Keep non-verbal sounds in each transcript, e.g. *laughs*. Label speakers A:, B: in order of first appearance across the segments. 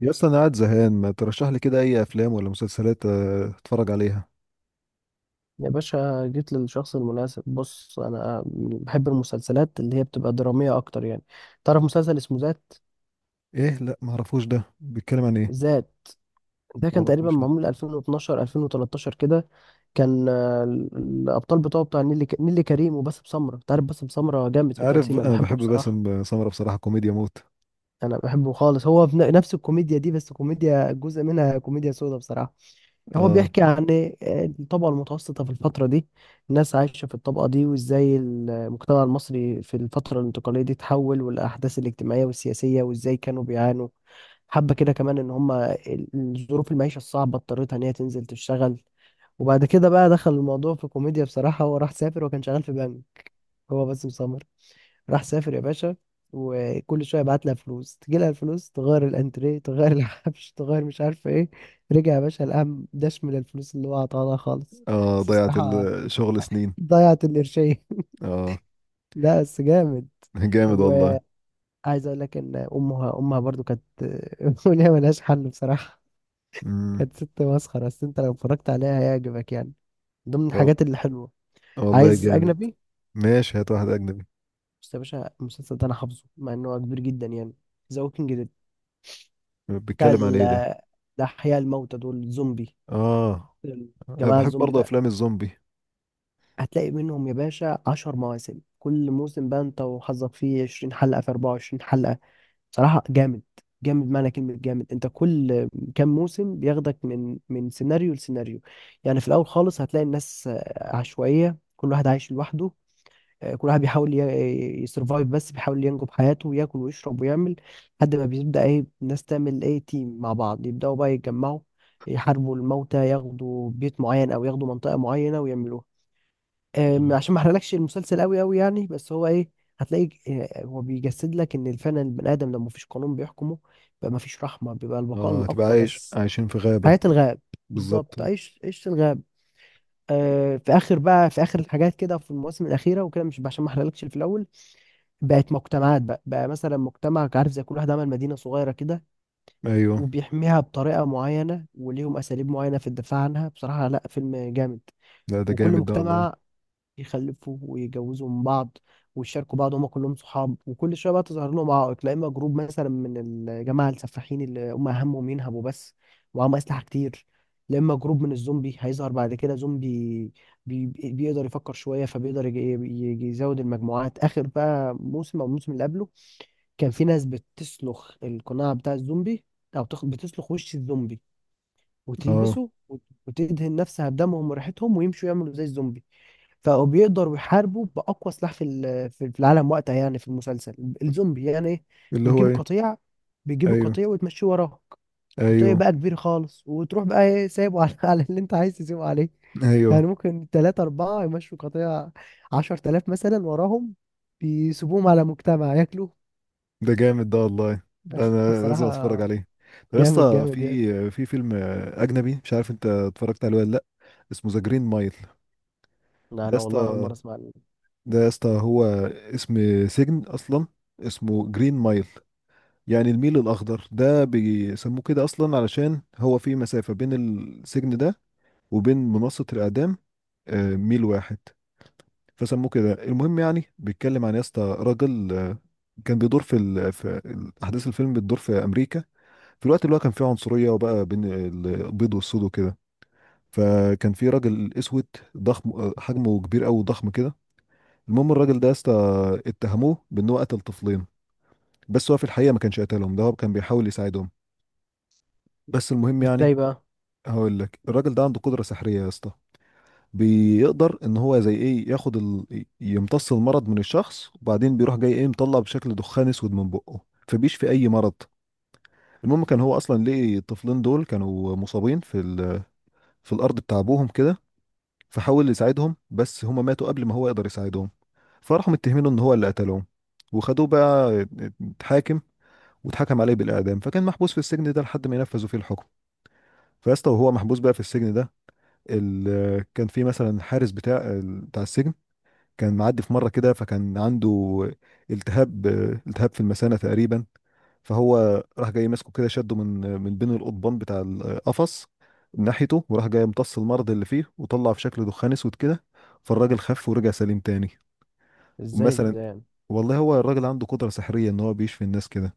A: يا اسطى انا قاعد زهقان، ما ترشح لي كده اي افلام ولا مسلسلات؟ اتفرج عليها.
B: يا باشا، جيت للشخص المناسب. بص، انا بحب المسلسلات اللي هي بتبقى دراميه اكتر يعني. تعرف مسلسل اسمه ذات؟
A: ايه، لا ما اعرفوش، ده بيتكلم عن ايه؟
B: ذات ده
A: ما
B: كان تقريبا
A: اعرفوش لا.
B: معمول 2012 2013 كده. كان الابطال بتوعه بتاع نيلي نيلي كريم وباسم سمره. انت عارف باسم سمره جامد في التمثيل،
A: عارف
B: انا
A: انا
B: بحبه
A: بحب
B: بصراحه.
A: باسم سمرة بصراحة، كوميديا موت.
B: انا بحبه خالص، هو في نفس الكوميديا دي، بس كوميديا جزء منها كوميديا سودا بصراحه. هو
A: اه.
B: بيحكي عن إيه؟ الطبقة المتوسطة في الفترة دي، الناس عايشة في الطبقة دي، وازاي المجتمع المصري في الفترة الانتقالية دي اتحول، والأحداث الاجتماعية والسياسية، وازاي كانوا بيعانوا. حبة كده كمان إن هما ظروف المعيشة الصعبة اضطرتها إن هي تنزل تشتغل. وبعد كده بقى دخل الموضوع في كوميديا بصراحة. هو راح سافر وكان شغال في بنك، هو باسم سمرة. راح سافر يا باشا، وكل شويه بعت لها فلوس، تجي لها الفلوس تغير الانتريه، تغير الحبش، تغير مش عارفه ايه. رجع يا باشا القام داش من الفلوس اللي هو عطاها لها خالص.
A: اه
B: بس
A: ضيعت
B: بصراحه
A: الشغل سنين.
B: ضيعت القرشين *laughs*
A: اه.
B: لا بس جامد.
A: *laughs* جامد والله.
B: وعايز اقول لك ان امها امها برضو كانت *laughs* وليها ملهاش حل بصراحه.
A: امم.
B: كانت ست مسخره، بس انت لو اتفرجت عليها هيعجبك يعني. ضمن
A: وال-
B: الحاجات اللي حلوه.
A: والله
B: عايز
A: جامد.
B: اجنبي.
A: ماشي، هات واحد اجنبي.
B: بس يا باشا المسلسل ده انا حافظه مع انه كبير جدا يعني. ذا ووكينج. بتاع
A: بيتكلم عن ايه ده؟
B: الأحياء الموتى دول الزومبي.
A: اه انا
B: الجماعة
A: بحب
B: الزومبي
A: برضه
B: ده
A: افلام الزومبي.
B: هتلاقي منهم يا باشا 10 مواسم، كل موسم بقى انت وحظك فيه 20 حلقة في 24 حلقة. بصراحة جامد، جامد معنى كلمة جامد. انت كل كام موسم بياخدك من سيناريو لسيناريو. يعني في الأول خالص هتلاقي الناس عشوائية، كل واحد عايش لوحده. كل واحد بيحاول يسرفايف، بس بيحاول ينجو بحياته وياكل ويشرب ويعمل. لحد ما بيبدأ ايه، الناس تعمل ايه، تيم مع بعض، يبدأوا بقى يتجمعوا، يحاربوا الموتى، ياخدوا بيت معين او ياخدوا منطقة معينة ويعملوها.
A: مم.
B: عشان ما احرقلكش المسلسل قوي قوي يعني، بس هو ايه، هتلاقي هو بيجسد لك ان فعلا البني ادم لما مفيش قانون بيحكمه بيبقى مفيش رحمة، بيبقى البقاء
A: اه تبقى
B: الاقوى
A: عايش،
B: بس.
A: عايشين في غابة.
B: حياة الغاب.
A: بالظبط.
B: بالظبط عيش عيش الغاب. آه، في اخر بقى، في اخر الحاجات كده في المواسم الاخيره وكده، مش عشان ما احرقلكش اللي في الاول. بقت مجتمعات بقى، مثلا مجتمع، عارف، زي كل واحد عمل مدينة صغيرة كده
A: ايوه.
B: وبيحميها بطريقة معينة وليهم أساليب معينة في الدفاع عنها. بصراحة لا، فيلم جامد.
A: لا ده
B: وكل
A: جامد ده والله.
B: مجتمع يخلفوا ويجوزوا من بعض ويشاركوا بعض، هما كلهم صحاب. وكل شوية بقى تظهر لهم عائق، لا إما جروب مثلا من الجماعة السفاحين اللي هما همهم ينهبوا بس ومعاهم أسلحة كتير، لا إما جروب من الزومبي هيظهر بعد كده. زومبي بيقدر يفكر شوية، فبيقدر يجي، يزود المجموعات. آخر بقى موسم أو الموسم اللي قبله كان في ناس بتسلخ القناع بتاع الزومبي، او بتسلخ وش الزومبي
A: اه.
B: وتلبسه وتدهن نفسها بدمهم وريحتهم ويمشوا يعملوا زي الزومبي. فبقوا بيقدروا يحاربوا باقوى سلاح في في العالم وقتها يعني في المسلسل، الزومبي يعني ايه.
A: اللي هو
B: بتجيب
A: ايه؟
B: قطيع، بيجيب
A: ايوه.
B: القطيع وتمشيه وراك. قطيع
A: ايوه.
B: بقى كبير خالص، وتروح بقى ايه سايبه على *laughs* على اللي انت عايز تسيبه عليه. يعني
A: ايوه.
B: ممكن تلاتة أربعة يمشوا قطيع 10 تلاف مثلا وراهم، بيسيبوهم على مجتمع ياكلوا.
A: ده جامد ده والله، لا
B: *laughs*
A: انا
B: بصراحة
A: لازم اتفرج عليه. طب يا
B: جامد،
A: اسطى،
B: جامد يعني.
A: في فيلم اجنبي مش عارف انت اتفرجت عليه ولا لا، اسمه ذا جرين مايل. ده
B: لا
A: يا
B: انا والله اول
A: اسطى،
B: مره اسمع عنه.
A: ده يا اسطى هو اسم سجن اصلا، اسمه جرين مايل، يعني الميل الاخضر، ده بيسموه كده اصلا علشان هو في مسافة بين السجن ده وبين منصة الاعدام، ميل واحد، فسموه كده. المهم يعني بيتكلم عن يا اسطى راجل، كان بيدور في احداث الفيلم بتدور في امريكا في الوقت اللي هو كان فيه عنصريه، وبقى بين البيض والسود وكده. فكان في راجل اسود ضخم، حجمه كبير قوي ضخم كده. المهم الراجل ده يا اسطى اتهموه بان هو قتل طفلين، بس هو في الحقيقه ما كانش قتلهم، ده هو كان بيحاول يساعدهم. بس المهم يعني
B: ازاي بقى؟
A: هقول لك، الراجل ده عنده قدره سحريه يا اسطى، بيقدر ان هو زي ايه ياخد ال... يمتص المرض من الشخص، وبعدين بيروح جاي ايه مطلع بشكل دخان اسود من بقه، فبيشفي اي مرض. المهم كان هو اصلا ليه الطفلين دول كانوا مصابين في ال... في الارض بتاع ابوهم كده، فحاول يساعدهم بس هما ماتوا قبل ما هو يقدر يساعدهم، فراحوا متهمينه ان هو اللي قتلهم. وخدوه بقى، اتحاكم واتحكم عليه بالاعدام، فكان محبوس في السجن ده لحد ما ينفذوا فيه الحكم. فيا اسطى وهو محبوس بقى في السجن ده، ال... كان في مثلا الحارس بتاع السجن كان معدي في مرة كده، فكان عنده التهاب، التهاب في المثانة تقريبا. فهو راح جاي ماسكه كده، شده من بين القضبان بتاع القفص ناحيته، وراح جاي امتص المرض اللي فيه وطلع في شكل دخان اسود كده، فالراجل خف ورجع سليم تاني.
B: ازاي
A: ومثلا،
B: ده يعني؟
A: والله هو الراجل عنده قدرة سحرية ان هو بيشفي الناس كده.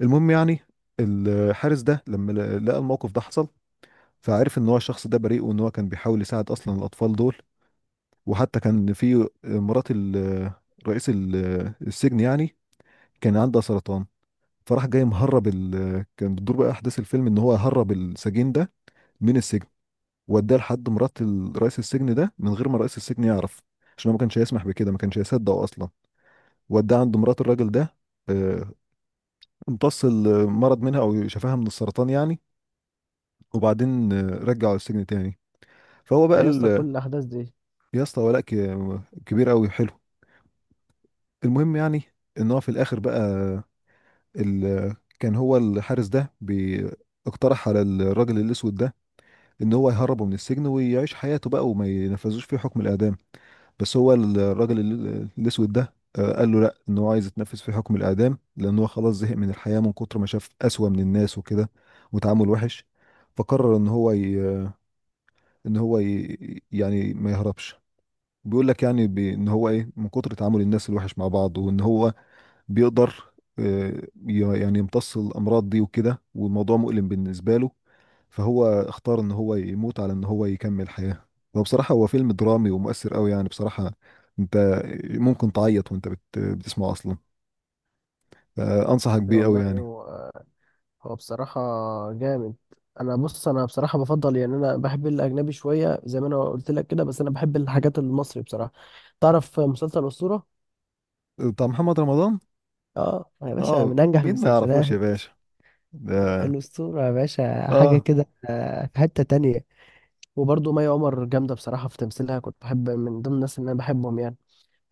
A: المهم يعني الحارس ده لما لقى الموقف ده حصل، فعرف ان هو الشخص ده بريء وان هو كان بيحاول يساعد اصلا الاطفال دول. وحتى كان في مرات رئيس السجن يعني كان عندها سرطان، فراح جاي مهرب ال... كان بتدور بقى احداث الفيلم ان هو هرب السجين ده من السجن، واداه لحد مرات رئيس السجن ده من غير ما رئيس السجن يعرف، عشان هو ما كانش هيسمح بكده، ما كانش هيصدق اصلا. واداه عند مرات الراجل ده، آه، امتص المرض منها او شفاها من السرطان يعني، وبعدين رجعه السجن تاني. فهو بقى
B: ده يا اسطى
A: ال...
B: كل الاحداث دي.
A: يا اسطى ولاء كبير قوي حلو. المهم يعني ان هو في الاخر بقى ال... كان هو الحارس ده بي... اقترح على الراجل الاسود ده ان هو يهربه من السجن ويعيش حياته بقى وما ينفذوش فيه حكم الاعدام. بس هو الراجل الاسود ده قال له لا، ان هو عايز يتنفذ في حكم الاعدام، لان هو خلاص زهق من الحياه من كتر ما شاف اسوأ من الناس وكده وتعامل وحش. فقرر ان هو ي... ان هو ي... يعني ما يهربش. بيقول لك يعني ب... ان هو ايه، من كتر تعامل الناس الوحش مع بعض، وان هو بيقدر آه، يعني يمتص الأمراض دي وكده، والموضوع مؤلم بالنسبة له، فهو اختار إن هو يموت على إن هو يكمل حياة. وبصراحة هو فيلم درامي ومؤثر أوي يعني بصراحة، أنت ممكن تعيط وأنت بتسمعه أصلا. فأنصحك بيه أوي
B: والله
A: يعني.
B: هو بصراحه جامد. انا بص، انا بصراحه بفضل يعني، انا بحب الاجنبي شويه زي ما انا قلت لك كده، بس انا بحب الحاجات المصري بصراحه. تعرف مسلسل اسطوره.
A: بتاع محمد رمضان.
B: اه يا باشا
A: اه،
B: من انجح
A: مين ما يعرفوش يا
B: المسلسلات.
A: باشا؟ ده
B: الاسطوره يا باشا حاجه
A: اه.
B: كده، في حته تانية. وبرضه مي عمر جامده بصراحه في تمثيلها، كنت بحب من ضمن الناس اللي انا بحبهم يعني.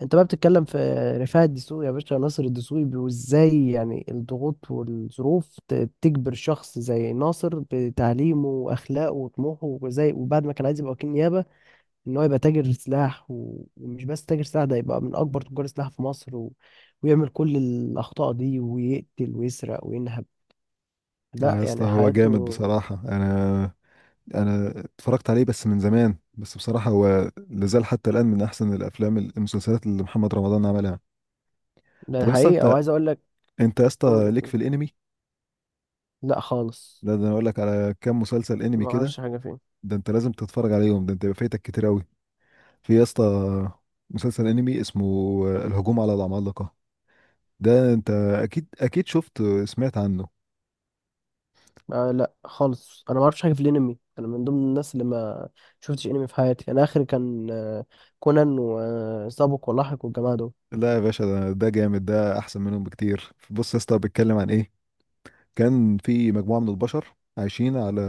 B: انت بقى بتتكلم في رفاعي الدسوقي، يا باشا ناصر الدسوقي، وازاي يعني الضغوط والظروف تجبر شخص زي ناصر بتعليمه واخلاقه وطموحه وزي، وبعد ما كان عايز يبقى وكيل نيابه، ان هو يبقى تاجر سلاح، و ومش بس تاجر سلاح، ده يبقى من اكبر تجار السلاح في مصر، و ويعمل كل الاخطاء دي ويقتل ويسرق وينهب،
A: اه
B: لا
A: يا اسطى
B: يعني
A: هو جامد
B: حياته.
A: بصراحة، انا، انا اتفرجت عليه بس من زمان، بس بصراحه هو لازال حتى الان من احسن الافلام المسلسلات اللي محمد رمضان عملها.
B: ده
A: طب اصلا
B: حقيقه
A: انت،
B: وعايز اقول لك.
A: انت يا
B: قول
A: اسطى
B: يا
A: ليك
B: حبيبي.
A: في الانمي؟
B: لا خالص،
A: لا ده انا اقول لك على كام مسلسل انمي
B: ما
A: كده،
B: اعرفش حاجه فيه.
A: ده انت لازم تتفرج عليهم، ده انت يبقى فايتك كتير قوي. في يا اسطى مسلسل انمي اسمه الهجوم على العمالقه، ده انت اكيد اكيد شفت سمعت عنه.
B: آه لا خالص، انا ما اعرفش حاجه في الانمي. انا من ضمن الناس اللي ما شفتش انمي في حياتي. انا اخر كان كونان وسابق ولاحق والجماعه دول.
A: لا يا باشا، ده، ده جامد ده، احسن منهم بكتير. بص يا اسطى بيتكلم عن ايه، كان في مجموعة من البشر عايشين على،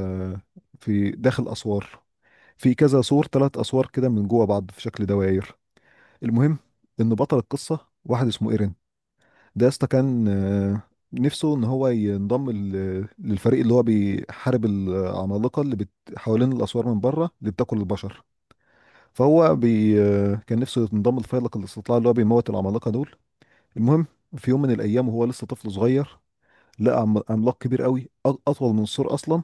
A: في داخل أسوار، في كذا سور، ثلاث أسوار كده من جوه بعض في شكل دواير. المهم إن بطل القصة واحد اسمه إيرين، ده يا اسطى كان نفسه إن هو ينضم للفريق اللي هو بيحارب العمالقة اللي بت... حوالين الأسوار من بره اللي بتاكل البشر. فهو بي... كان نفسه ينضم لفيلق الاستطلاع اللي هو بيموت العمالقة دول. المهم في يوم من الأيام وهو لسه طفل صغير، لقى عملاق كبير قوي اطول من السور اصلا،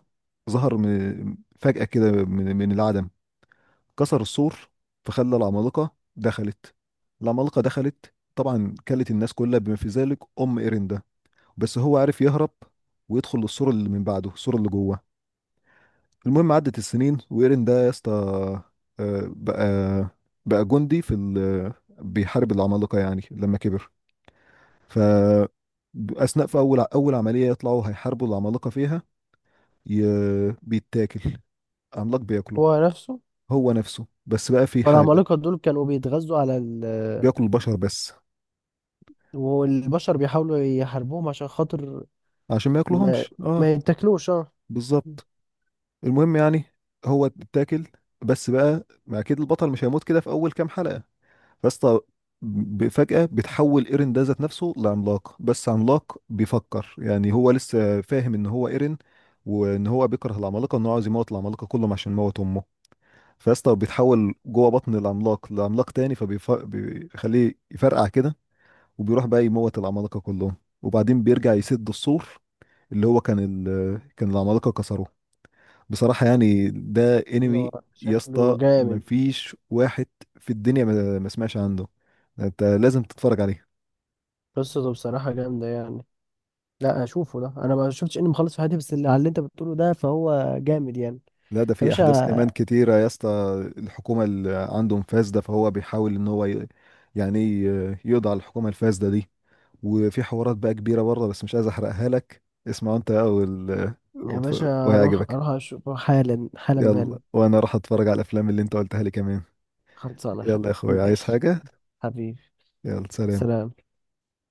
A: ظهر من فجأة كده من العدم، كسر السور، فخلى العمالقة دخلت. العمالقة دخلت طبعا كلت الناس كلها بما في ذلك ام إرندا، بس هو عارف يهرب ويدخل للسور اللي من بعده السور اللي جوه. المهم عدت السنين وإرندا يا اسطى بقى، بقى جندي في ال... بيحارب العمالقة يعني لما كبر. ف أثناء في أول عملية يطلعوا هيحاربوا العمالقة فيها، ي... بيتاكل، عملاق بياكله.
B: هو نفسه.
A: هو نفسه، بس بقى في حاجة،
B: والعمالقه دول كانوا بيتغذوا على ال،
A: بياكل البشر بس.
B: والبشر بيحاولوا يحاربوهم عشان خاطر
A: عشان ما
B: ما
A: ياكلهمش اه.
B: ما يتاكلوش. اه.
A: بالظبط. المهم يعني هو اتاكل، بس بقى ما اكيد البطل مش هيموت كده في اول كام حلقة. بس فجأة بتحول ايرين ده ذات نفسه لعملاق، بس عملاق بيفكر، يعني هو لسه فاهم ان هو ايرين وان هو بيكره العمالقة وان هو عايز يموت العمالقة كلهم عشان موت امه. فيسطا بيتحول جوه بطن العملاق لعملاق تاني فبيخليه يفرقع كده، وبيروح بقى يموت العمالقة كلهم، وبعدين بيرجع يسد السور اللي هو كان ال... كان العمالقة كسروه. بصراحة يعني ده
B: إنه
A: انمي يا
B: شكله
A: اسطى
B: جامد.
A: مفيش واحد في الدنيا ما سمعش عنه، ده انت لازم تتفرج عليه.
B: قصته بصراحه جامده يعني. لا اشوفه ده، انا ما شفتش انمي خالص في حياتي، بس اللي على اللي انت بتقوله ده فهو جامد يعني.
A: لا ده
B: يا
A: في احداث كمان
B: باشا،
A: كتيرة يا اسطى، الحكومة اللي عندهم فاسدة، فهو بيحاول ان هو ي... يعني يقضي على الحكومة الفاسدة دي. وفي حوارات بقى كبيرة بره بس مش عايز احرقها لك، اسمع انت بقى وال...
B: يا باشا اروح
A: وهيعجبك.
B: اشوفه حالا حالا
A: يلا
B: بالا.
A: وانا راح اتفرج على الافلام اللي انت قلتها لي كمان.
B: خلصانة يا
A: يلا يا
B: حبيبي،
A: اخويا، عايز
B: ماشي.
A: حاجة؟
B: حبيبي.
A: يلا سلام.
B: سلام.